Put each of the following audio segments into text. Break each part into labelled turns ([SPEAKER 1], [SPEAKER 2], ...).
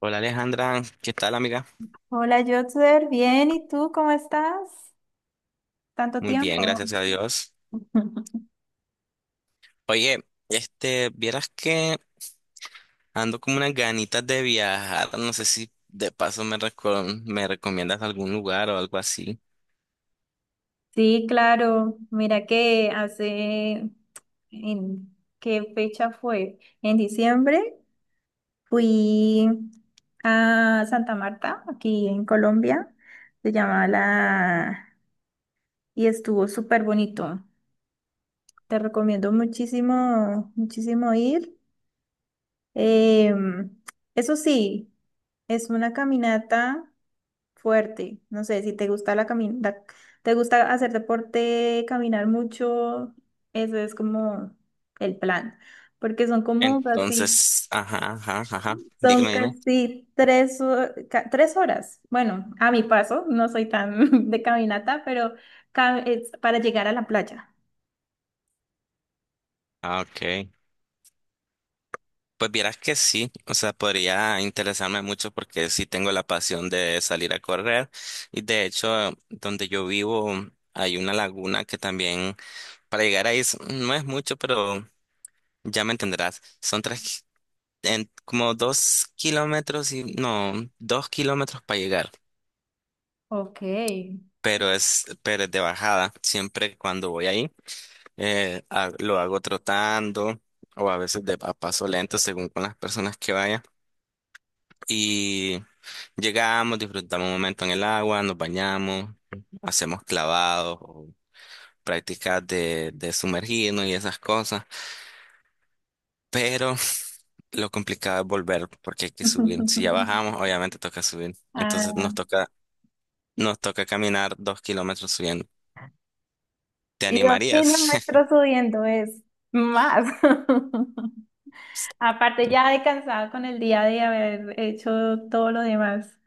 [SPEAKER 1] Hola Alejandra, ¿qué tal amiga?
[SPEAKER 2] Hola, Jotzer, bien, ¿y tú cómo estás? Tanto
[SPEAKER 1] Muy
[SPEAKER 2] tiempo.
[SPEAKER 1] bien, gracias a Dios. Oye, vieras que ando como unas ganitas de viajar, no sé si de paso me recomiendas algún lugar o algo así.
[SPEAKER 2] Sí, claro. Mira que hace, ¿en qué fecha fue? En diciembre fui a Santa Marta, aquí en Colombia, se llama la... y estuvo súper bonito. Te recomiendo muchísimo, muchísimo ir. Em, eso sí, es una caminata fuerte. No sé, si te gusta la caminata, te gusta hacer deporte, caminar mucho, eso es como el plan, porque son como así,
[SPEAKER 1] Entonces, ajá, ajá, ajá,
[SPEAKER 2] son
[SPEAKER 1] dígame, dime.
[SPEAKER 2] casi tres horas. Bueno, a mi paso, no soy tan de caminata, pero es para llegar a la playa.
[SPEAKER 1] Ah, ok. Pues vieras que sí, o sea, podría interesarme mucho porque sí tengo la pasión de salir a correr y, de hecho, donde yo vivo hay una laguna que también para llegar ahí no es mucho, pero ya me entenderás. Son tres, como 2 km y no, 2 km para llegar.
[SPEAKER 2] Ok.
[SPEAKER 1] Pero es de bajada. Siempre cuando voy ahí, lo hago trotando o a veces de a paso lento según con las personas que vaya. Y llegamos, disfrutamos un momento en el agua, nos bañamos, hacemos clavados o prácticas de sumergirnos y esas cosas, pero lo complicado es volver porque hay que subir. Si ya bajamos, obviamente toca subir. Entonces
[SPEAKER 2] Ah,
[SPEAKER 1] nos toca caminar 2 km subiendo. ¿Te
[SPEAKER 2] y dos
[SPEAKER 1] animarías?
[SPEAKER 2] kilómetros subiendo es más. Aparte, ya he cansado con el día de haber hecho todo lo demás.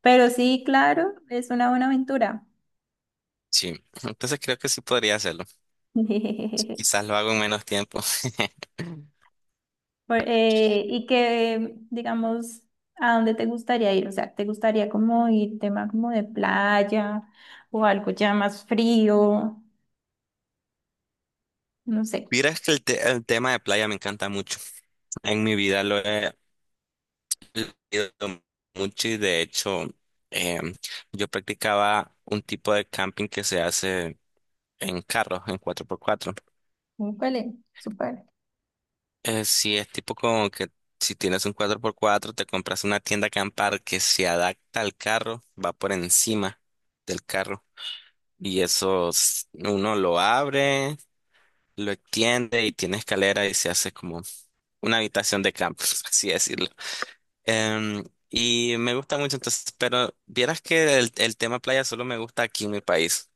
[SPEAKER 2] Pero sí, claro, es una buena aventura.
[SPEAKER 1] Sí. Entonces creo que sí podría hacerlo. Quizás lo hago en menos tiempo.
[SPEAKER 2] Y que, digamos, ¿a dónde te gustaría ir? O sea, ¿te gustaría como ir tema como de playa o algo ya más frío? No sé.
[SPEAKER 1] Vieras que el tema de playa me encanta mucho. En mi vida lo he leído mucho y, de hecho, em, yo practicaba un tipo de camping que se hace en carros, en 4x4.
[SPEAKER 2] Súper, súper.
[SPEAKER 1] Sí, es tipo como que si tienes un 4x4 te compras una tienda acampar que se adapta al carro, va por encima del carro. Y eso uno lo abre, lo extiende y tiene escalera y se hace como una habitación de campo, por así decirlo. Y me gusta mucho, entonces, pero vieras que el tema playa solo me gusta aquí en mi país.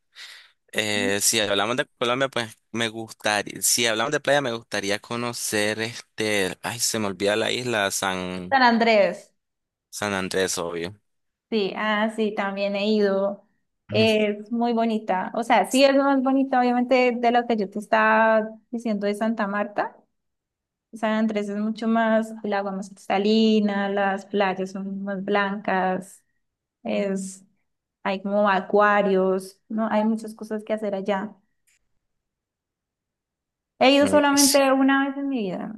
[SPEAKER 1] Si hablamos de Colombia, pues me gustaría, si hablamos de playa, me gustaría conocer ay, se me olvida la isla, San,
[SPEAKER 2] San Andrés.
[SPEAKER 1] San Andrés, obvio.
[SPEAKER 2] Sí, ah, sí, también he ido. Es muy bonita. O sea, sí es lo más bonita, obviamente, de lo que yo te estaba diciendo de Santa Marta. San Andrés es mucho más, el agua más cristalina, las playas son más blancas, es, hay como acuarios, ¿no? Hay muchas cosas que hacer allá. He ido
[SPEAKER 1] Mm, sí,
[SPEAKER 2] solamente una vez en mi vida.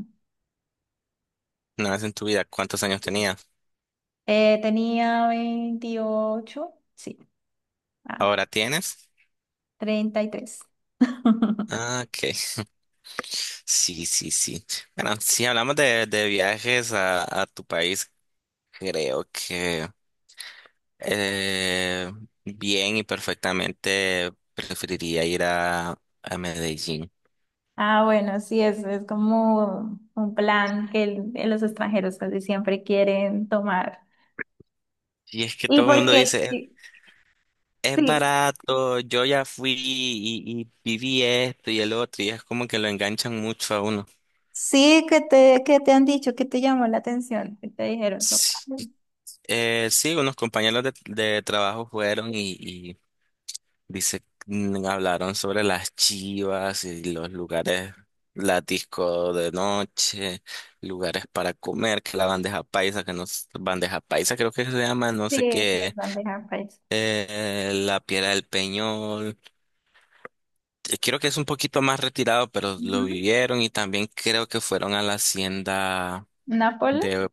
[SPEAKER 1] una vez en tu vida, ¿cuántos años tenías?
[SPEAKER 2] Tenía 28, sí, ah,
[SPEAKER 1] ¿Ahora tienes?
[SPEAKER 2] 33.
[SPEAKER 1] Ah, ok. Sí, sí, sí. Bueno, si hablamos de viajes a tu país, creo que eh, bien y perfectamente preferiría ir a Medellín.
[SPEAKER 2] Ah, bueno, sí, es como un plan que los extranjeros casi siempre quieren tomar.
[SPEAKER 1] Y es que
[SPEAKER 2] ¿Y
[SPEAKER 1] todo el
[SPEAKER 2] por
[SPEAKER 1] mundo
[SPEAKER 2] qué?
[SPEAKER 1] dice,
[SPEAKER 2] Sí,
[SPEAKER 1] "Es
[SPEAKER 2] sí,
[SPEAKER 1] barato, yo ya fui y viví esto y el otro", y es como que lo enganchan mucho a uno.
[SPEAKER 2] sí, ¿qué te han dicho? ¿Qué te llamó la atención? ¿Qué te dijeron? Como,
[SPEAKER 1] Sí,
[SPEAKER 2] "Ay,
[SPEAKER 1] sí, unos compañeros de trabajo fueron y dice, hablaron sobre las chivas y los lugares, la disco de noche, lugares para comer, que la bandeja paisa, que no, bandeja paisa creo que se llama, no
[SPEAKER 2] sí,
[SPEAKER 1] sé
[SPEAKER 2] sí, es
[SPEAKER 1] qué,
[SPEAKER 2] bandeja paisa".
[SPEAKER 1] la piedra del Peñol. Creo que es un poquito más retirado, pero lo
[SPEAKER 2] Ujú.
[SPEAKER 1] vivieron y también creo que fueron a la hacienda
[SPEAKER 2] ¿Nápoles?
[SPEAKER 1] de...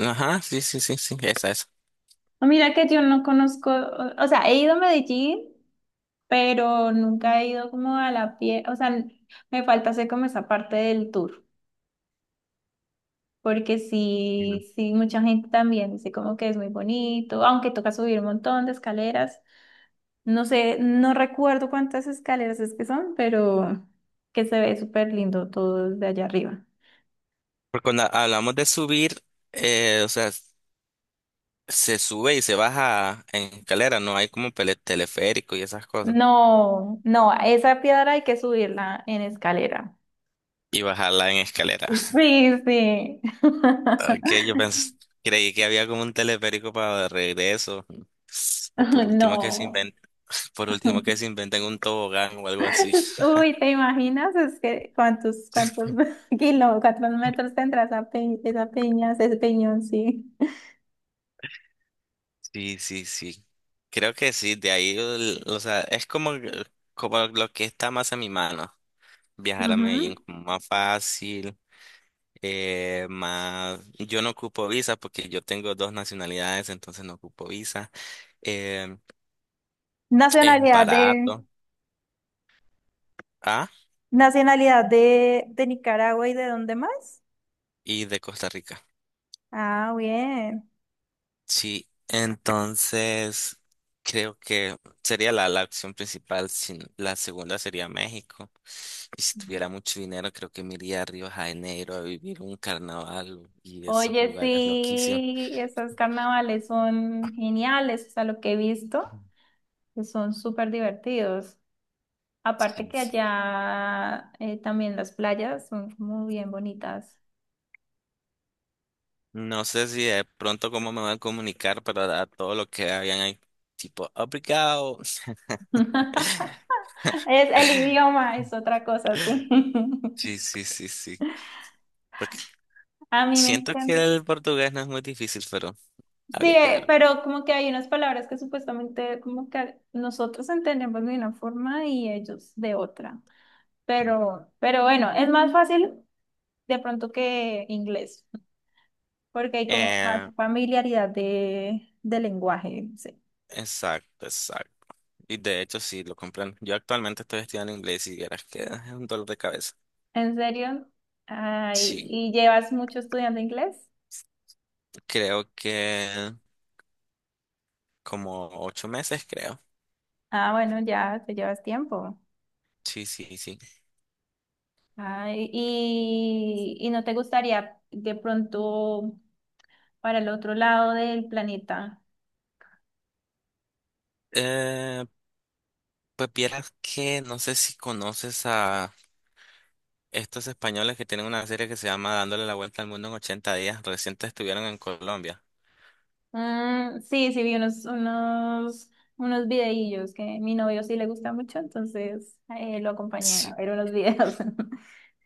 [SPEAKER 1] Ajá, sí, sí, sí, sí, esa, esa.
[SPEAKER 2] Ah, mira que yo no conozco, o sea, he ido a Medellín, pero nunca he ido como a la pie, o sea, me falta hacer como esa parte del tour. Porque
[SPEAKER 1] Mm.
[SPEAKER 2] sí, sí, mucha gente también dice como que es muy bonito, aunque toca subir un montón de escaleras. No sé, no recuerdo cuántas escaleras es que son, pero que se ve súper lindo todo desde allá arriba.
[SPEAKER 1] Porque cuando hablamos de subir, o sea, se sube y se baja en escalera, no hay como teleférico y esas cosas.
[SPEAKER 2] No, no, a esa piedra hay que subirla en escalera.
[SPEAKER 1] Y bajarla en escalera.
[SPEAKER 2] Sí, sí.
[SPEAKER 1] Ok, yo pensé, creí que había como un teleférico para de regreso. O por último que se
[SPEAKER 2] No.
[SPEAKER 1] inventen, por último que se inventen un tobogán o algo así.
[SPEAKER 2] Uy, ¿te imaginas? Es que cuántos kilos, cuántos metros tendrás esa, esa peña, ese peñón, sí.
[SPEAKER 1] Sí, sí, sí. Creo que sí, de ahí, o sea, es como lo que está más a mi mano. Viajar a
[SPEAKER 2] Ujú.
[SPEAKER 1] Medellín como más fácil, más... Yo no ocupo visa porque yo tengo dos nacionalidades, entonces no ocupo visa. Eh, es
[SPEAKER 2] Nacionalidad de,
[SPEAKER 1] barato. Ah,
[SPEAKER 2] nacionalidad de Nicaragua, ¿y de dónde más?
[SPEAKER 1] y de Costa Rica.
[SPEAKER 2] Ah, bien.
[SPEAKER 1] Sí, entonces creo que sería la opción principal. La segunda sería México. Y si tuviera mucho dinero, creo que me iría a Río de Janeiro a vivir un carnaval y esos
[SPEAKER 2] Oye,
[SPEAKER 1] lugares loquísimos.
[SPEAKER 2] sí, esos carnavales son geniales, o sea, lo que he visto,
[SPEAKER 1] Ujú.
[SPEAKER 2] que son súper divertidos. Aparte
[SPEAKER 1] Sí,
[SPEAKER 2] que
[SPEAKER 1] sí.
[SPEAKER 2] allá también las playas son muy bien bonitas.
[SPEAKER 1] No sé si de pronto cómo me van a comunicar, pero a todo lo que habían ahí, tipo, obrigado.
[SPEAKER 2] Es el idioma, es otra cosa, sí.
[SPEAKER 1] Sí, sí, sí, sí. Porque
[SPEAKER 2] A mí me
[SPEAKER 1] siento que
[SPEAKER 2] encanta.
[SPEAKER 1] el portugués no es muy difícil, pero
[SPEAKER 2] Sí,
[SPEAKER 1] habría que ver.
[SPEAKER 2] pero como que hay unas palabras que supuestamente como que nosotros entendemos de una forma y ellos de otra. Pero bueno, es más fácil de pronto que inglés, porque hay como más
[SPEAKER 1] Eh,
[SPEAKER 2] familiaridad de lenguaje. No sé.
[SPEAKER 1] exacto, exacto. Y, de hecho, sí, lo comprendo. Yo actualmente estoy estudiando inglés y vieras que es un dolor de cabeza.
[SPEAKER 2] ¿En serio? Ay,
[SPEAKER 1] Sí,
[SPEAKER 2] ¿y llevas mucho estudiando inglés?
[SPEAKER 1] creo que como 8 meses, creo.
[SPEAKER 2] Ah, bueno, ya te llevas tiempo.
[SPEAKER 1] Sí, sí, sí.
[SPEAKER 2] Ay, y ¿no te gustaría de pronto para el otro lado del planeta?
[SPEAKER 1] Eh, pues vieras que no sé si conoces a estos españoles que tienen una serie que se llama Dándole la vuelta al mundo en 80 días. Recientes estuvieron en Colombia.
[SPEAKER 2] Mm, sí, sí, vi unos videillos que mi novio sí le gusta mucho, entonces lo acompañé a
[SPEAKER 1] Sí.
[SPEAKER 2] ver unos videos.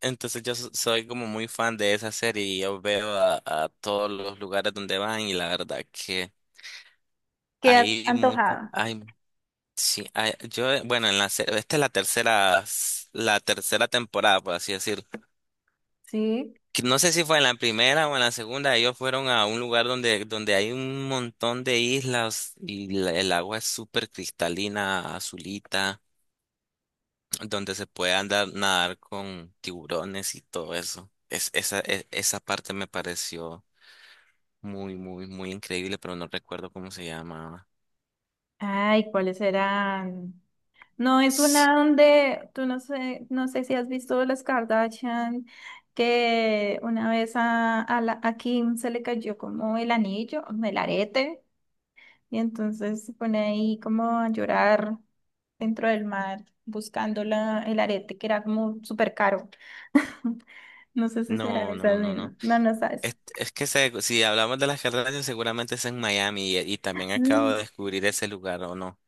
[SPEAKER 1] Entonces yo soy como muy fan de esa serie y yo veo a todos los lugares donde van y la verdad que
[SPEAKER 2] ¿Qué has
[SPEAKER 1] hay mucha,
[SPEAKER 2] antojado?
[SPEAKER 1] hay... Sí, ah, yo, bueno, en la, esta es la tercera, la tercera temporada, por así decir.
[SPEAKER 2] Sí.
[SPEAKER 1] Que no sé si fue en la primera o en la segunda, ellos fueron a un lugar donde, hay un montón de islas y el agua es súper cristalina, azulita, donde se puede andar, nadar con tiburones y todo eso. Esa esa parte me pareció muy, muy, muy increíble, pero no recuerdo cómo se llamaba.
[SPEAKER 2] Ay, ¿cuáles serán? No, es
[SPEAKER 1] Sí,
[SPEAKER 2] una donde tú no sé, no sé si has visto las Kardashian, que una vez a Kim se le cayó como el anillo, el arete, y entonces se pone ahí como a llorar dentro del mar buscando el arete que era como súper caro. No sé si serán
[SPEAKER 1] no,
[SPEAKER 2] esas
[SPEAKER 1] no, no,
[SPEAKER 2] mismas.
[SPEAKER 1] no.
[SPEAKER 2] No, no sabes.
[SPEAKER 1] Es que, si hablamos de las carreras, seguramente es en Miami y, también acabo de
[SPEAKER 2] Mm,
[SPEAKER 1] descubrir ese lugar, ¿o no?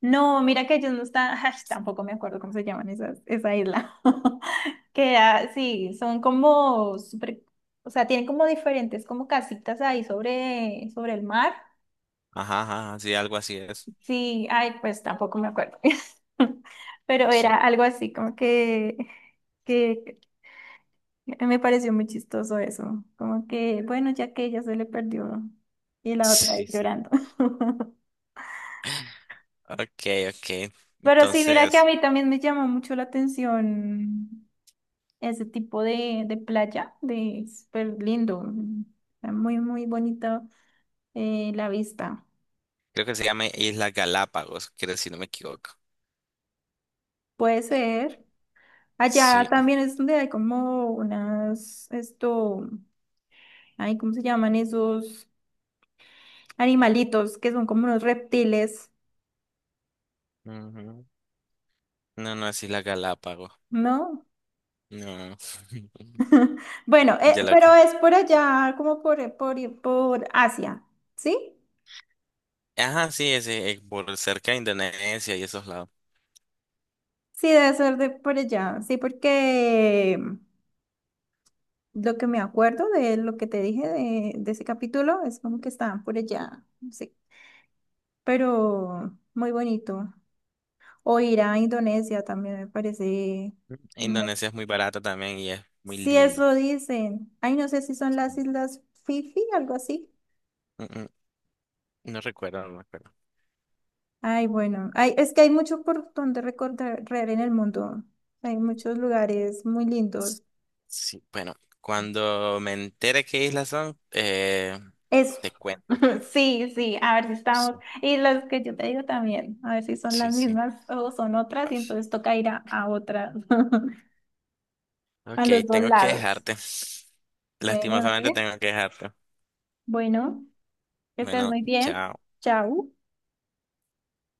[SPEAKER 2] no, mira que ellos no están, ay, tampoco me acuerdo cómo se llaman esa isla. Que era, sí, son como súper, o sea, tienen como diferentes como casitas ahí sobre el mar.
[SPEAKER 1] Ajá, ajá, ajá, sí, algo así es.
[SPEAKER 2] Sí, ay, pues tampoco me acuerdo. Pero
[SPEAKER 1] Sí,
[SPEAKER 2] era algo así como que a mí me pareció muy chistoso eso. Como que, bueno, ya que ella se le perdió y la otra ahí
[SPEAKER 1] sí, sí.
[SPEAKER 2] llorando.
[SPEAKER 1] Ok, ok.
[SPEAKER 2] Pero sí, mira que a
[SPEAKER 1] Entonces,
[SPEAKER 2] mí también me llama mucho la atención ese tipo de playa, de súper lindo, está muy, muy bonito la vista.
[SPEAKER 1] creo que se llama Isla Galápagos, creo, si no me equivoco.
[SPEAKER 2] Puede ser. Allá
[SPEAKER 1] Sí.
[SPEAKER 2] también es donde hay como unas, esto, ay, ¿cómo se llaman esos animalitos que son como unos reptiles?
[SPEAKER 1] Ujú. No, no es Isla Galápagos.
[SPEAKER 2] ¿No?
[SPEAKER 1] No.
[SPEAKER 2] Bueno,
[SPEAKER 1] Ya lo
[SPEAKER 2] pero
[SPEAKER 1] que...
[SPEAKER 2] es por allá, como por Asia, ¿sí?
[SPEAKER 1] Ajá, sí, es, por cerca de Indonesia y esos lados.
[SPEAKER 2] Sí, debe ser de por allá, sí, porque lo que me acuerdo de lo que te dije de ese capítulo es como que estaban por allá, sí, pero muy bonito. O ir a Indonesia también me parece, unas-
[SPEAKER 1] Indonesia es muy barata también y es muy
[SPEAKER 2] sí,
[SPEAKER 1] lindo.
[SPEAKER 2] eso dicen. Ay, no sé si son las
[SPEAKER 1] Mm,
[SPEAKER 2] Islas Fifi, algo así.
[SPEAKER 1] mm, mm, No recuerdo, no recuerdo.
[SPEAKER 2] Ay, bueno, hay es que hay mucho por donde recorrer en el mundo. Hay muchos lugares muy lindos.
[SPEAKER 1] Sí, bueno, cuando me entere qué islas son,
[SPEAKER 2] Eso.
[SPEAKER 1] te cuento.
[SPEAKER 2] Sí, sí, a ver si estamos.
[SPEAKER 1] Sí,
[SPEAKER 2] Y los que yo te digo también, a ver si son las
[SPEAKER 1] sí, sí.
[SPEAKER 2] mismas o son otras, y entonces toca ir a otras, a
[SPEAKER 1] Ok,
[SPEAKER 2] los dos
[SPEAKER 1] tengo que
[SPEAKER 2] lados.
[SPEAKER 1] dejarte.
[SPEAKER 2] Bueno,
[SPEAKER 1] Lastimosamente
[SPEAKER 2] dale.
[SPEAKER 1] tengo que dejarte.
[SPEAKER 2] Bueno, que estés
[SPEAKER 1] Bueno,
[SPEAKER 2] muy bien.
[SPEAKER 1] chao.
[SPEAKER 2] Chao.